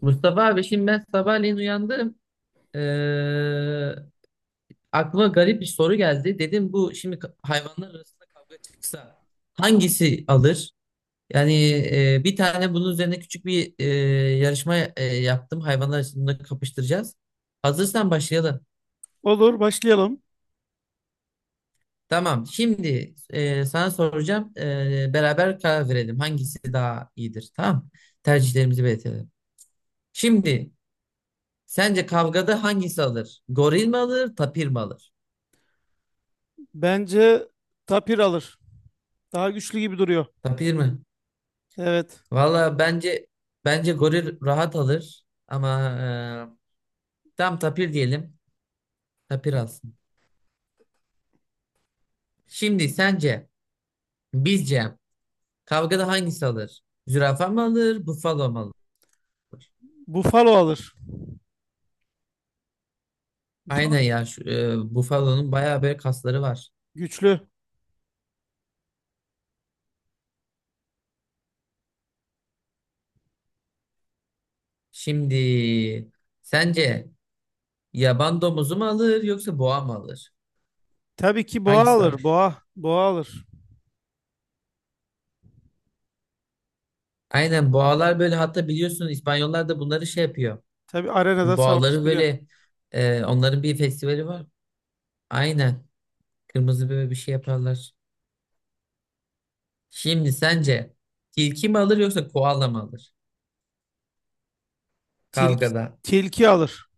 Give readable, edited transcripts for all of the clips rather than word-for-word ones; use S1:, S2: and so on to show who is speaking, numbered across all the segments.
S1: Mustafa abi şimdi ben sabahleyin uyandım. Ee, Aklıma garip bir soru geldi. Dedim bu şimdi hayvanlar arasında kavga çıksa hangisi alır? Yani bir tane bunun üzerine küçük bir yarışma yaptım. Hayvanlar arasında kapıştıracağız. Hazırsan başlayalım.
S2: Olur, başlayalım.
S1: Tamam. Şimdi sana soracağım. Beraber karar verelim. Hangisi daha iyidir? Tamam. Tercihlerimizi belirtelim. Şimdi sence kavgada hangisi alır? Goril mi alır, tapir mi alır?
S2: Bence tapir alır. Daha güçlü gibi duruyor.
S1: Tapir mi?
S2: Evet.
S1: Valla bence goril rahat alır ama tam tapir diyelim. Tapir alsın. Şimdi sence bizce kavgada hangisi alır? Zürafa mı alır, bufalo mu alır?
S2: Buffalo alır.
S1: Aynen ya şu, bufalonun bayağı böyle kasları var.
S2: Güçlü.
S1: Şimdi sence yaban domuzu mu alır yoksa boğa mı alır?
S2: Tabii ki boğa
S1: Hangisi daha
S2: alır.
S1: güçlü?
S2: Boğa. Boğa alır.
S1: Aynen boğalar böyle hatta biliyorsun İspanyollar da bunları şey yapıyor.
S2: Tabii arenada
S1: Boğaları
S2: savaştırıyor.
S1: böyle onların bir festivali var. Aynen. Kırmızı böyle bir şey yaparlar. Şimdi sence tilki mi alır yoksa koala mı alır
S2: Tilki,
S1: kavgada?
S2: tilki, alır.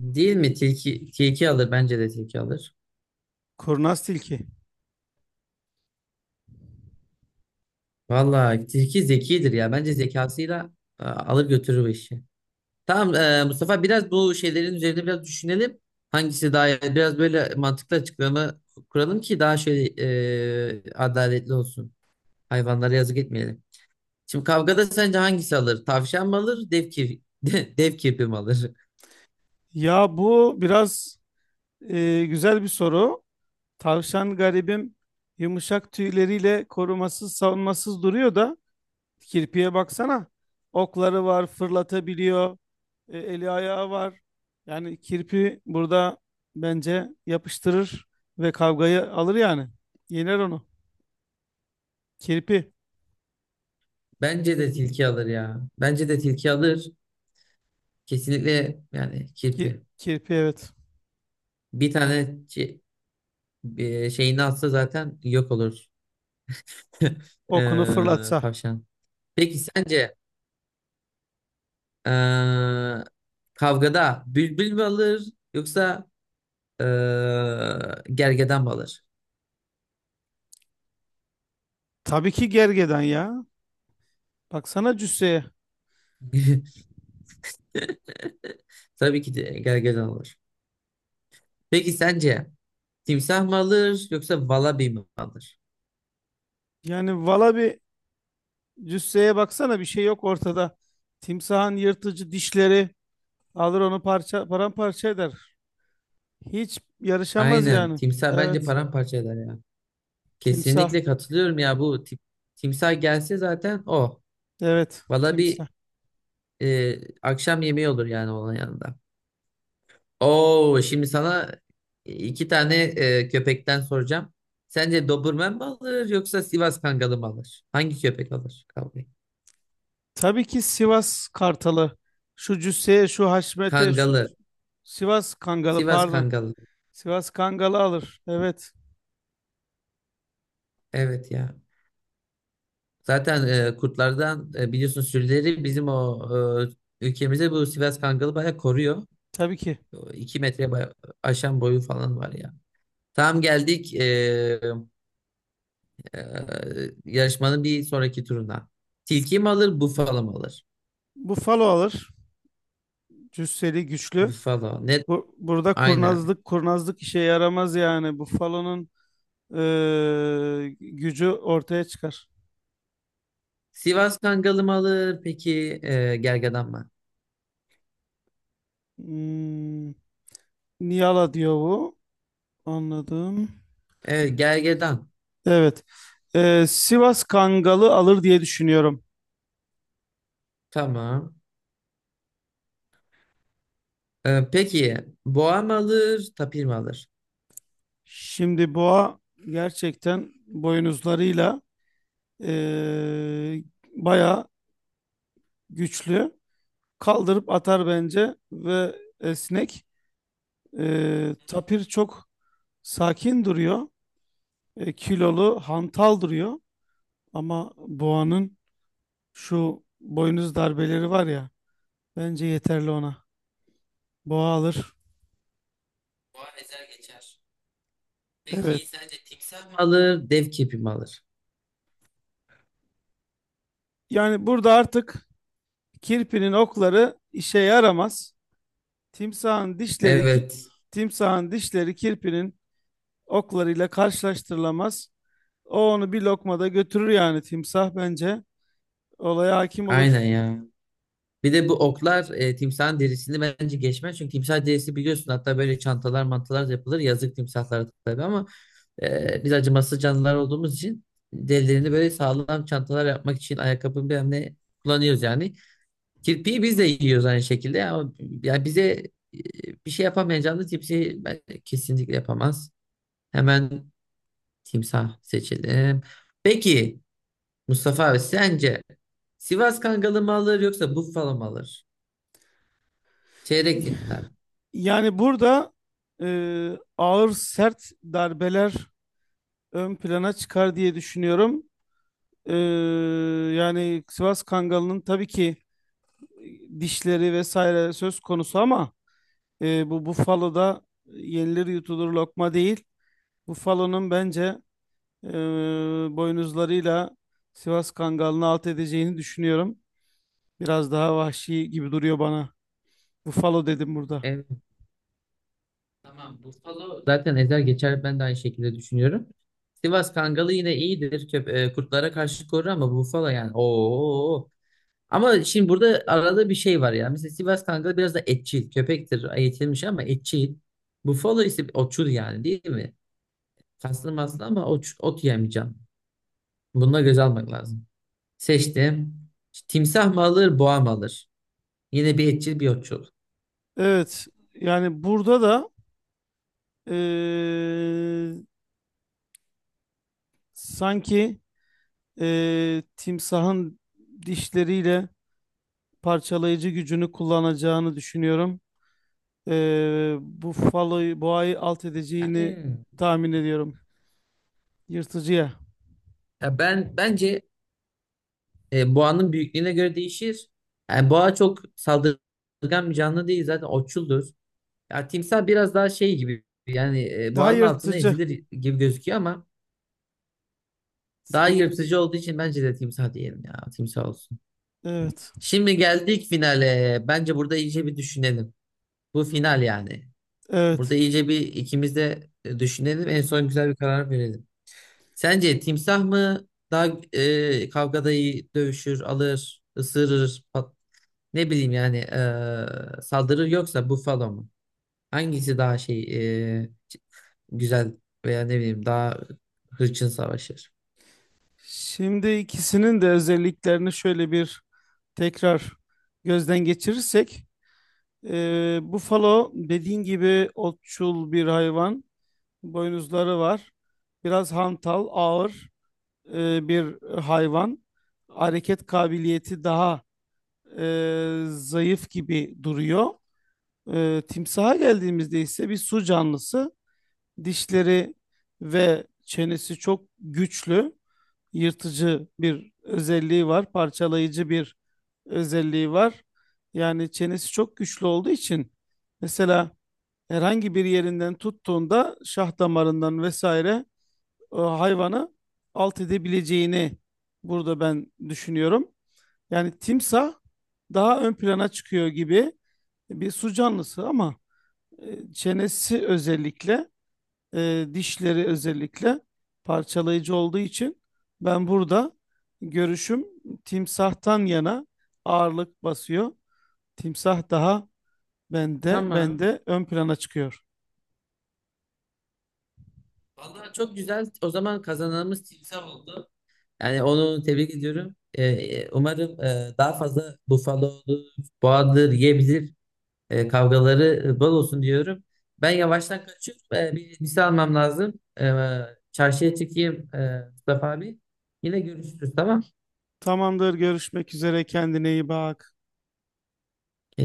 S1: Değil mi? Tilki, tilki alır. Bence de tilki alır.
S2: Kurnaz tilki.
S1: Vallahi tilki zekidir ya. Bence zekasıyla alır götürür bu işi. Tamam Mustafa biraz bu şeylerin üzerinde biraz düşünelim. Hangisi daha iyi? Biraz böyle mantıklı açıklama kuralım ki daha şöyle adaletli olsun. Hayvanlara yazık etmeyelim. Şimdi kavgada sence hangisi alır? Tavşan mı alır? Dev kirpi, dev kirpi mi alır?
S2: Ya bu biraz güzel bir soru. Tavşan garibim yumuşak tüyleriyle korumasız, savunmasız duruyor da kirpiye baksana. Okları var, fırlatabiliyor. Eli ayağı var. Yani kirpi burada bence yapıştırır ve kavgayı alır yani. Yener onu. Kirpi.
S1: Bence de tilki alır ya. Bence de tilki alır. Kesinlikle yani
S2: Ki-
S1: kirpi.
S2: Kirpi, evet.
S1: Bir tane çi- Bir şeyini atsa zaten yok olur.
S2: Okunu fırlatsa.
S1: Tavşan. Peki sence ee, kavgada bülbül mü alır yoksa ee, gergedan mı alır?
S2: Tabii ki gergedan ya. Baksana cüsseye.
S1: Tabii ki de gergedan alır. Peki sence timsah mı alır yoksa valabi mi alır?
S2: Yani valla bir cüsseye baksana, bir şey yok ortada. Timsahın yırtıcı dişleri alır onu, paramparça eder. Hiç yarışamaz
S1: Aynen.
S2: yani.
S1: Timsah bence
S2: Evet.
S1: paramparça eder ya.
S2: Timsah.
S1: Kesinlikle katılıyorum ya bu tip, timsah gelse zaten o.
S2: Evet,
S1: Valla bir
S2: timsah.
S1: akşam yemeği olur yani onun yanında. Oo, şimdi sana iki tane köpekten soracağım. Sence Doberman mı alır yoksa Sivas Kangalı mı alır? Hangi köpek alır kavgayı?
S2: Tabii ki Sivas Kartalı. Şu cüsseye, şu haşmete, şu
S1: Kangalı.
S2: Sivas Kangalı,
S1: Sivas
S2: pardon.
S1: Kangalı.
S2: Sivas Kangalı alır. Evet,
S1: Evet ya. Zaten kurtlardan biliyorsun sürüleri bizim o ülkemizde bu Sivas Kangalı bayağı koruyor.
S2: tabii ki.
S1: 2 metre bayağı aşan boyu falan var ya. Tam geldik yarışmanın bir sonraki turuna. Tilki mi alır, bufalo mu alır?
S2: Buffalo alır. Cüsseli, güçlü.
S1: Bufalo. Net.
S2: Burada
S1: Aynen.
S2: kurnazlık işe yaramaz yani. Buffalo'nun gücü ortaya çıkar.
S1: Sivas Kangalı mı alır? Peki gergedan mı?
S2: Hmm, niyala diyor bu. Anladım.
S1: Evet, gergedan.
S2: Evet. Sivas Kangalı alır diye düşünüyorum.
S1: Tamam. Peki boğa mı alır, tapir mi alır?
S2: Şimdi boğa gerçekten boynuzlarıyla eee bayağı güçlü. Kaldırıp atar bence ve esnek. Tapir çok sakin duruyor. Kilolu, hantal duruyor. Ama boğanın şu boynuz darbeleri var ya, bence yeterli ona. Boğa alır.
S1: Boğa ezer geçer.
S2: Evet.
S1: Peki sence timsah mı alır, dev kepi mi alır?
S2: Yani burada artık kirpinin okları işe yaramaz. Timsahın dişleri ki,
S1: Evet.
S2: timsahın dişleri kirpinin oklarıyla karşılaştırılamaz. O onu bir lokmada götürür, yani timsah bence. Olaya hakim
S1: Aynen
S2: olur.
S1: ya. Bir de bu oklar timsahın derisini bence geçmez. Çünkü timsah derisi biliyorsun hatta böyle çantalar mantalar da yapılır. Yazık timsahlara tabii ama biz acımasız canlılar olduğumuz için derilerini böyle sağlam çantalar yapmak için ayakkabı bilmem ne kullanıyoruz yani. Kirpiği biz de yiyoruz aynı şekilde ama yani bize e, bir şey yapamayan canlı timsahı ben kesinlikle yapamaz. Hemen timsah seçelim. Peki Mustafa abi sence Sivas Kangalı mı alır yoksa Buffalo mu alır? Çeyrek final.
S2: Yani burada e, ağır sert darbeler ön plana çıkar diye düşünüyorum. E, Yani Sivas Kangalı'nın tabii ki dişleri vesaire söz konusu, ama bu Buffalo'da yenilir yutulur lokma değil. Buffalo'nun bence e, boynuzlarıyla Sivas Kangalı'nı alt edeceğini düşünüyorum. Biraz daha vahşi gibi duruyor bana. Buffalo dedim burada.
S1: Evet, tamam. Buffalo zaten ezer geçer. Ben de aynı şekilde düşünüyorum. Sivas Kangalı yine iyidir. Kurtlara karşı korur ama Buffalo yani. Oo. Ama şimdi burada arada bir şey var ya. Mesela Sivas Kangalı biraz da etçil. Köpektir. Eğitilmiş ama etçil. Buffalo ise otçul yani değil mi? Kaslı maslı ama ot yemeyeceğim. Bununla göz almak lazım. Seçtim. Timsah mı alır, boğa mı alır? Yine bir etçil bir otçul.
S2: Evet. Yani burada da eee, sanki timsahın dişleriyle parçalayıcı gücünü kullanacağını düşünüyorum. Buffalo'yu, boğayı alt edeceğini
S1: Yani
S2: tahmin ediyorum. Yırtıcıya.
S1: ya ben bence boğanın büyüklüğüne göre değişir. Yani boğa çok saldırgan bir canlı değil zaten otçuldur. Ya timsah biraz daha şey gibi yani
S2: Daha
S1: boğanın altına
S2: yırtıcı.
S1: ezilir gibi gözüküyor ama daha
S2: Sen bilirsin.
S1: yırtıcı olduğu için bence de timsah diyelim ya, timsah olsun.
S2: Evet.
S1: Şimdi geldik finale. Bence burada iyice bir düşünelim. Bu final yani.
S2: Evet.
S1: Burada iyice bir ikimiz de düşünelim. En son güzel bir karar verelim. Sence timsah mı daha kavgada iyi dövüşür, alır, ısırır, ne bileyim yani saldırı, yoksa Buffalo mu? Hangisi daha güzel veya ne bileyim daha hırçın savaşır?
S2: Şimdi ikisinin de özelliklerini şöyle bir tekrar gözden geçirirsek, bufalo dediğin gibi otçul bir hayvan, boynuzları var, biraz hantal, ağır bir hayvan, hareket kabiliyeti daha zayıf gibi duruyor. Timsaha geldiğimizde ise bir su canlısı. Dişleri ve çenesi çok güçlü, yırtıcı bir özelliği var, parçalayıcı bir özelliği var. Yani çenesi çok güçlü olduğu için, mesela herhangi bir yerinden tuttuğunda şah damarından vesaire hayvanı alt edebileceğini burada ben düşünüyorum. Yani timsah daha ön plana çıkıyor gibi, bir su canlısı ama çenesi özellikle, dişleri özellikle parçalayıcı olduğu için ben burada görüşüm timsahtan yana ağırlık basıyor. Timsah daha bende
S1: Tamam.
S2: bende ön plana çıkıyor.
S1: Vallahi çok güzel. O zaman kazananımız timsah oldu. Yani onu tebrik ediyorum. Umarım daha fazla Buffalo'lu boğadır yiyebilir. Kavgaları bol olsun diyorum. Ben yavaştan kaçıyorum. Bir misal almam lazım. Çarşıya çıkayım Mustafa abi. Yine görüşürüz, tamam.
S2: Tamamdır, görüşmek üzere, kendine iyi bak.
S1: Eee,